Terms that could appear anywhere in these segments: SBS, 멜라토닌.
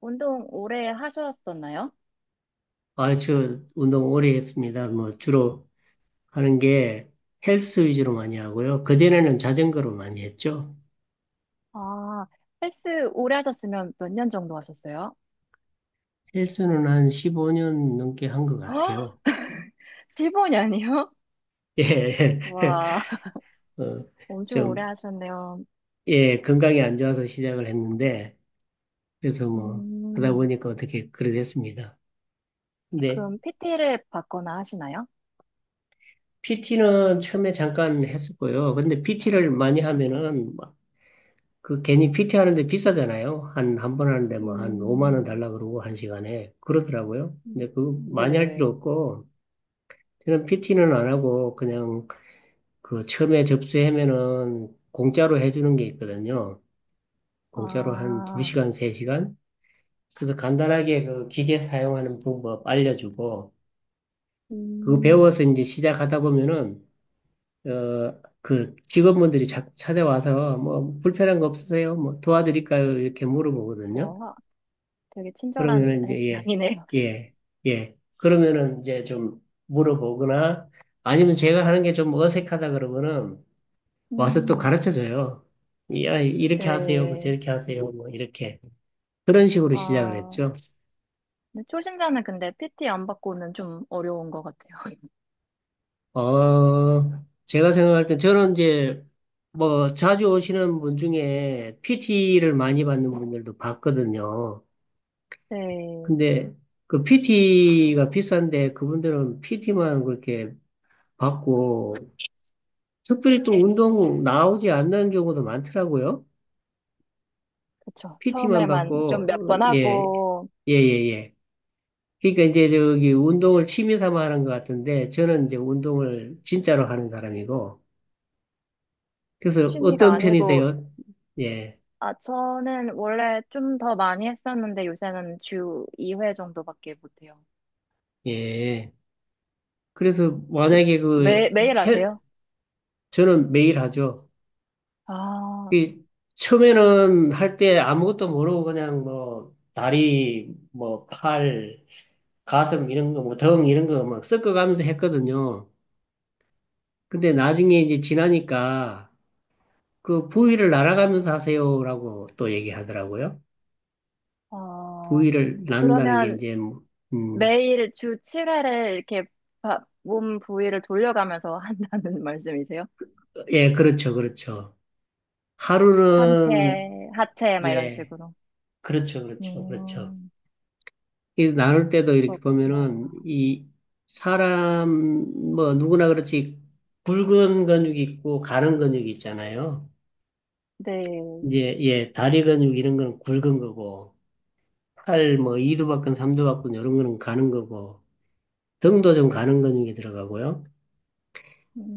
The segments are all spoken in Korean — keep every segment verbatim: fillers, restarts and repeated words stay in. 운동 오래 하셨었나요? 아, 저 운동 오래 했습니다. 뭐 주로 하는 게 헬스 위주로 많이 하고요. 그전에는 자전거로 많이 했죠. 아, 헬스 오래 하셨으면 몇 년 정도 하셨어요? 헬스는 한 십오 년 넘게 한 것 같아요. 십오 년이요? 예, 예. 와, 어, 엄청 오래 좀, 하셨네요. 예, 건강이 안 좋아서 시작을 했는데, 그래서 뭐 하다 음, 보니까 어떻게 그래 됐습니다. 근데 그럼 피티를 받거나 하시나요? 피티는 처음에 잠깐 했었고요. 근데 피티를 많이 하면은 그 괜히 피티 하는데 비싸잖아요. 한, 한 번 하는데 뭐 한 오만 원 음, 달라 그러고 한 시간에. 그러더라고요. 근데 그 많이 할 필요 네. 없고, 저는 피티는 안 하고 그냥 그 처음에 접수하면은 공짜로 해주는 게 있거든요. 공짜로 한 아, 두 시간, 세 시간? 그래서 간단하게 그 기계 사용하는 방법 알려주고, 그거 음, 배워서 이제 시작하다 보면은, 어, 그 직원분들이 자- 찾아와서 뭐 불편한 거 없으세요? 뭐 도와드릴까요? 이렇게 물어보거든요. 와, 되게 친절한 그러면은 이제 헬스장이네요. 예, 예, 예. 그러면은 이제 좀 물어보거나 아니면 제가 하는 게 좀 어색하다 그러면은 와서 또 음, 가르쳐 줘요. 야, 이렇게 하세요. 뭐 네. 저렇게 하세요. 뭐 이렇게. 그런 식으로 시작을 아, 했죠. 근데 초심자는 근데 피티 안 받고는 좀 어려운 것 같아요. 어, 제가 생각할 때 저는 이제 뭐 자주 오시는 분 중에 피티를 많이 받는 분들도 봤거든요. 네. 근데 그 피티가 비싼데 그분들은 피티만 그렇게 받고 특별히 또 운동 나오지 않는 경우도 많더라고요. 그쵸. 피티만 처음에만 좀 몇 받고, 어, 번 예, 하고, 예, 예, 예. 그러니까 이제 저기 운동을 취미 삼아 하는 것 같은데, 저는 이제 운동을 진짜로 하는 사람이고, 그래서 취미가 어떤 아니고, 편이세요? 예, 아, 저는 원래 좀 더 많이 했었는데 요새는 주 이 회 정도밖에 못해요. 예. 그래서 주, 만약에 매, 그, 매일 헬, 하세요? 저는 매일 하죠. 아, 이 처음에는 할 때 아무것도 모르고 그냥 뭐, 다리, 뭐, 팔, 가슴 이런 거, 뭐, 등 이런 거 막 섞어가면서 했거든요. 근데 나중에 이제 지나니까 그 부위를 날아가면서 하세요라고 또 얘기하더라고요. 어, 부위를 나눈다는 게 그러면 이제 뭐, 음, 매일 주 칠 회를 이렇게 바- 몸 부위를 돌려가면서 한다는 말씀이세요? 예, 그렇죠, 그렇죠. 하루는 상체, 하체, 막 이런 예, 식으로. 그렇죠, 그렇죠, 그렇죠. 음, 이 나눌 때도 이렇게 그렇구나. 보면은 이 사람 뭐 누구나 그렇지 굵은 근육이 있고 가는 근육이 있잖아요. 네. 이제 예, 다리 근육 이런 거는 굵은 거고 팔 뭐 이두박근 삼두박근 이런 거는 가는 거고 등도 좀 가는 근육이 들어가고요.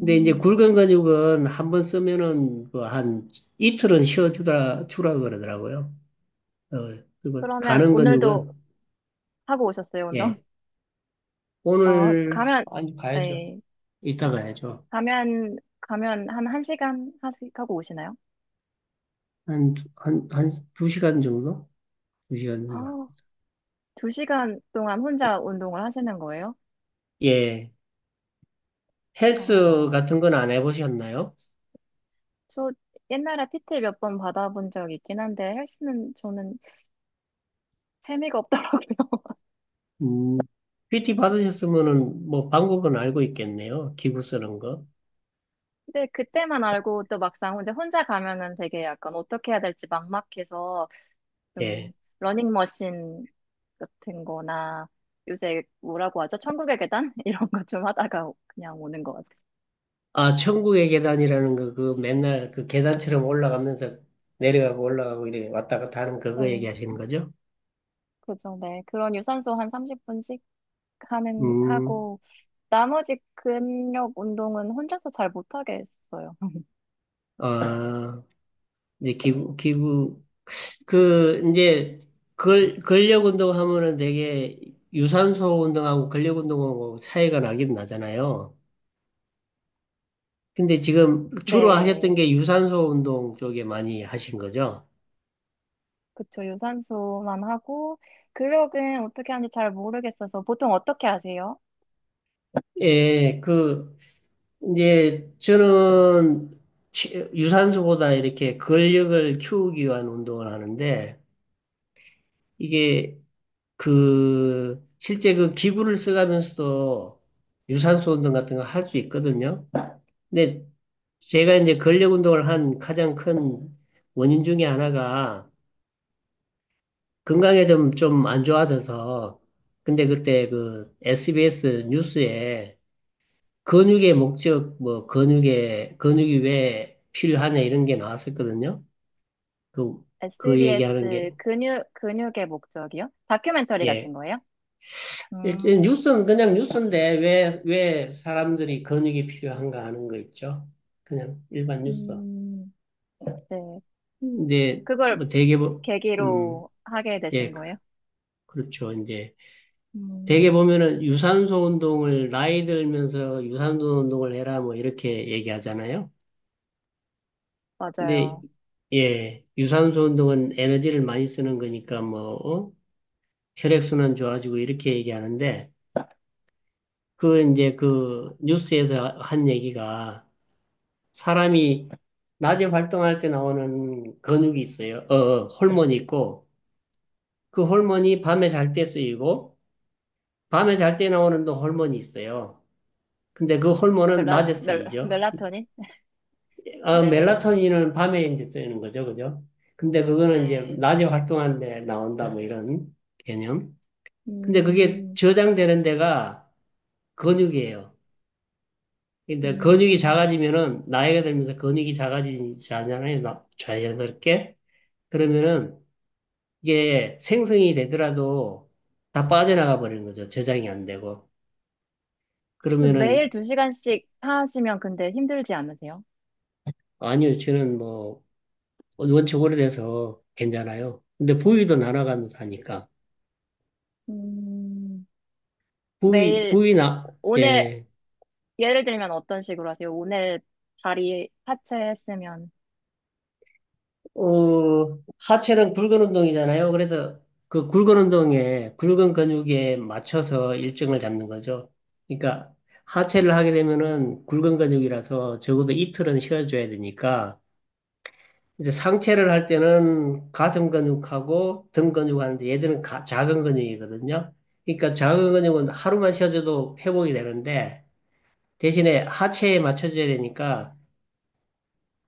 근데 이제 굵은 근육은 한번 쓰면은 뭐 한 이틀은 쉬어주라 주라 그러더라고요. 어, 그리고 그러면 가는 오늘도 근육은 하고 오셨어요, 운동? 예 어, 오늘 가면, 아니 가야죠. 네. 이따 가야죠. 가면, 가면 한 1시간 하시, 하고 오시나요? 한 한 한 두 시간 정도? 두 시간 아, 정도. 두 시간 동안 혼자 운동을 하시는 거예요? 예 헬스 어, 같은 건 안 해보셨나요? 저 옛날에 피티 몇 번 받아본 적 있긴 한데 헬스는 저는 재미가 없더라고요. 음 피티 받으셨으면은 뭐 방법은 알고 있겠네요. 기구 쓰는 거. 근데 그때만 알고 또 막상 혼자 혼자 가면은 되게 약간 어떻게 해야 될지 막막해서 예. 좀 러닝머신 같은 거나 요새 뭐라고 하죠? 천국의 계단? 이런 거 좀 하다가 그냥 오는 것 아, 천국의 계단이라는 거, 그 맨날 그 계단처럼 올라가면서 내려가고 올라가고 이렇게 왔다 갔다 하는 그거 같아요. 얘기하시는 거죠? 그죠, 네. 그런 유산소 한 삼십 분씩 하는, 음, 하고, 나머지 근력 운동은 혼자서 잘 못하게 했어요. 아, 이제 기부, 기부, 그, 이제, 걸, 근력 운동하면은 되게 유산소 운동하고 근력 운동하고 차이가 나긴 나잖아요. 근데 지금 주로 하셨던 네. 게 유산소 운동 쪽에 많이 하신 거죠? 그쵸, 유산소만 하고, 근력은 어떻게 하는지 잘 모르겠어서, 보통 어떻게 하세요? 예, 그, 이제 저는 치- 유산소보다 이렇게 근력을 키우기 위한 운동을 하는데 이게 그 실제 그 기구를 써가면서도 유산소 운동 같은 거 할 수 있거든요. 근데 제가 이제 근력 운동을 한 가장 큰 원인 중에 하나가 건강에 좀 좀 안 좋아져서 근데 그때 그 에스비에스 뉴스에 근육의 목적, 뭐, 근육의, 근육이 왜 필요하냐, 이런 게 나왔었거든요. 그, 그 얘기하는 에스비에스 게. 근육, 근육의 목적이요? 다큐멘터리 예. 같은 거예요? 일단 음, 뉴스는 그냥 뉴스인데, 왜, 왜 사람들이 근육이 필요한가 하는 거 있죠. 그냥 일반 뉴스. 음, 네. 근데, 그걸 뭐, 되게, 보- 음, 계기로 하게 되신 예, 그- 거예요? 그렇죠. 이제, 되게 음, 보면은 유산소 운동을, 나이 들면서 유산소 운동을 해라, 뭐, 이렇게 얘기하잖아요. 근데 맞아요. 예, 유산소 운동은 에너지를 많이 쓰는 거니까 뭐 어? 혈액순환 좋아지고 이렇게 얘기하는데 그 이제 그 뉴스에서 한 얘기가 사람이 낮에 활동할 때 나오는 근육이 있어요. 어, 어, 호르몬이 있고 그 호르몬이 밤에 잘 때 쓰이고 밤에 잘 때 나오는 또 호르몬이 있어요. 근데 그 호르몬은 멜라, 낮에 멜, 쓰이죠. 멜라토닌? 어, 네. 멜라토닌은 밤에 이제 쓰이는 거죠, 그죠? 근데 그거는 이제 네. 낮에 활동하는데 나온다, 뭐 이런 개념. 근데 그게 음, 저장되는 데가 근육이에요. 근데 근육이 음. 작아지면은, 나이가 들면서 근육이 작아지잖아요, 나- 자연스럽게. 그러면은 이게 생성이 되더라도 다 빠져나가 버리는 거죠. 저장이 안 되고. 그 매일 그러면은, 두 시간씩 하시면 근데 힘들지 않으세요? 아니요, 저는 뭐, 원체 오래돼서 괜찮아요. 근데 부위도 날아가면서 하니까. 음, 부위, 매일, 부위나, 오늘, 예, 예를 들면 어떤 식으로 하세요? 오늘 다리 하체 했으면, 어, 하체는 굵은 운동이잖아요. 그래서 그 굵은 운동에, 굵은 근육에 맞춰서 일정을 잡는 거죠. 그러니까 하체를 하게 되면은 굵은 근육이라서 적어도 이틀은 쉬어줘야 되니까, 이제 상체를 할 때는 가슴 근육하고 등 근육 하는데 얘들은 가- 작은 근육이거든요. 그러니까 작은 근육은 하루만 쉬어줘도 회복이 되는데, 대신에 하체에 맞춰줘야 되니까,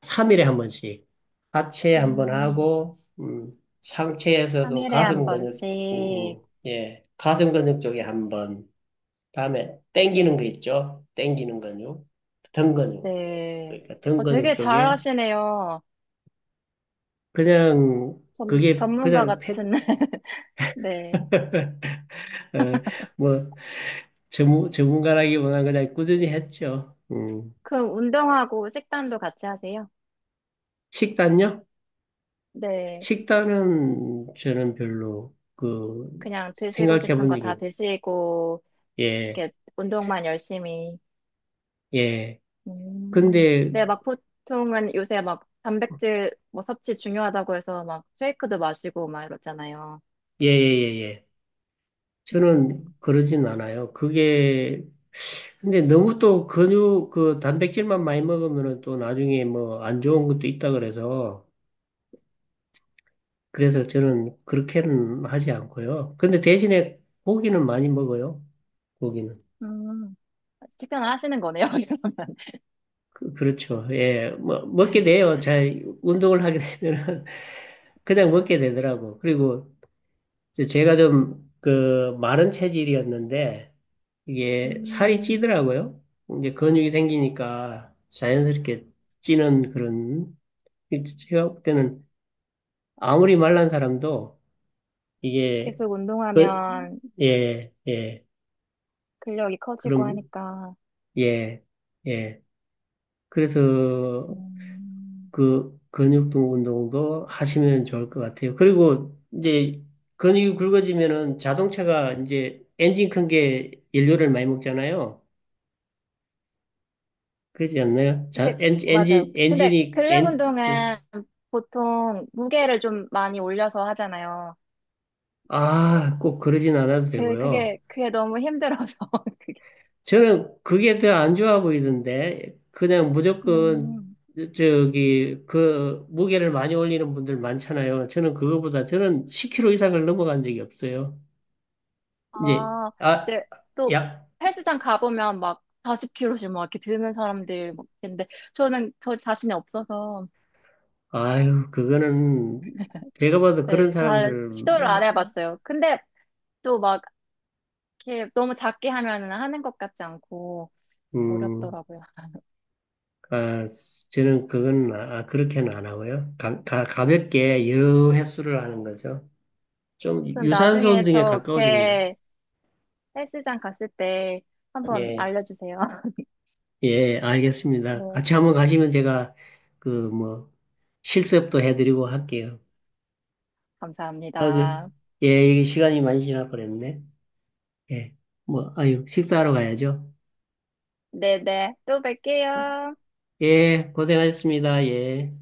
삼일에한 번씩 하체 한번 음, 하고 음, 상체에서도 삼 일에 한 가슴 근육 음, 번씩, 음, 예 가슴 근육 쪽에 한번 다음에 당기는 거 있죠 당기는 근육 등 근육 네. 그러니까 등 어, 근육 되게 잘 쪽에 하시네요. 그냥 전, 그게 전문가 그냥 팩 같은, 네. 어, 뭐 전문 전문가라기보다는 그냥 꾸준히 했죠 음. 그럼 운동하고 식단도 같이 하세요? 식단요? 네. 식단은 저는 별로 그 그냥 드시고 생각해 싶은 본 거 적이 다 없- 드시고, 예 이렇게 운동만 열심히. 예. 음, 근데 네, 막 보통은 요새 막 단백질 뭐 섭취 중요하다고 해서 막 쉐이크도 마시고 막 이러잖아요. 예예예 예, 예, 예. 저는 음, 그러진 않아요. 그게 근데 너무 또 근육 그 단백질만 많이 먹으면은 또 나중에 뭐 안 좋은 것도 있다 그래서 그래서 저는 그렇게는 하지 않고요. 근데 대신에 고기는 많이 먹어요. 고기는 음, 식단을 하시는 거네요, 그, 그렇죠. 예, 뭐 먹게 그러면. 돼요. 잘 운동을 하게 되면은 그냥 먹게 되더라고. 그리고 이제 제가 좀 그 마른 체질이었는데 이게 살이 음, 찌더라고요. 이제 근육이 생기니까 자연스럽게 찌는 그런 제가 볼 때는 아무리 말란 사람도 이게 계속 그, 운동하면 예, 예. 근력이 커지고 그럼 하니까. 예, 예. 그래서 음, 그 근육통 운동도 하시면 좋을 것 같아요. 그리고 이제 근육이 굵어지면은 자동차가 이제 엔진 큰 게 연료를 많이 먹잖아요. 그러지 않나요? 근데, 자, 엔진, 맞아요. 엔진, 근데 엔진이, 근력 엔진, 운동은 보통 무게를 좀 많이 올려서 하잖아요. 아, 꼭 그러진 않아도 그, 되고요. 그게, 그게 너무 힘들어서. 그게. 저는 그게 더 안 좋아 보이던데, 그냥 무조건, 음. 저기, 그, 무게를 많이 올리는 분들 많잖아요. 저는 그거보다, 저는 십 킬로그램 이상을 넘어간 적이 없어요. 이제, 아, 아, 근데 또 야, 헬스장 가보면 막 사십 킬로그램씩 막 이렇게 드는 사람들 막 있는데 저는 저 자신이 없어서 아유, 그거는, 제가 봐도 그런 네, 잘 사람들, 시도를 안 해봤어요. 근데 또 막 이렇게 너무 작게 하면은 하는 것 같지 않고 음, 어렵더라고요. 아, 저는 그건 아, 아, 그렇게는 안 하고요. 가, 가, 가볍게 여러 횟수를 하는 거죠. 좀 그럼 유산소 나중에 운동에 가까워지는 거죠. 저렇게 헬스장 갔을 때 한번 예, 알려주세요. 예, 알겠습니다. 네, 같이 한번 가시면 제가 그 뭐 실습도 해드리고 할게요. 아, 그, 감사합니다. 예, 이게 시간이 많이 지나 버렸네. 예, 뭐, 아유, 식사하러 가야죠. 네네, 또 뵐게요. 예, 고생하셨습니다. 예.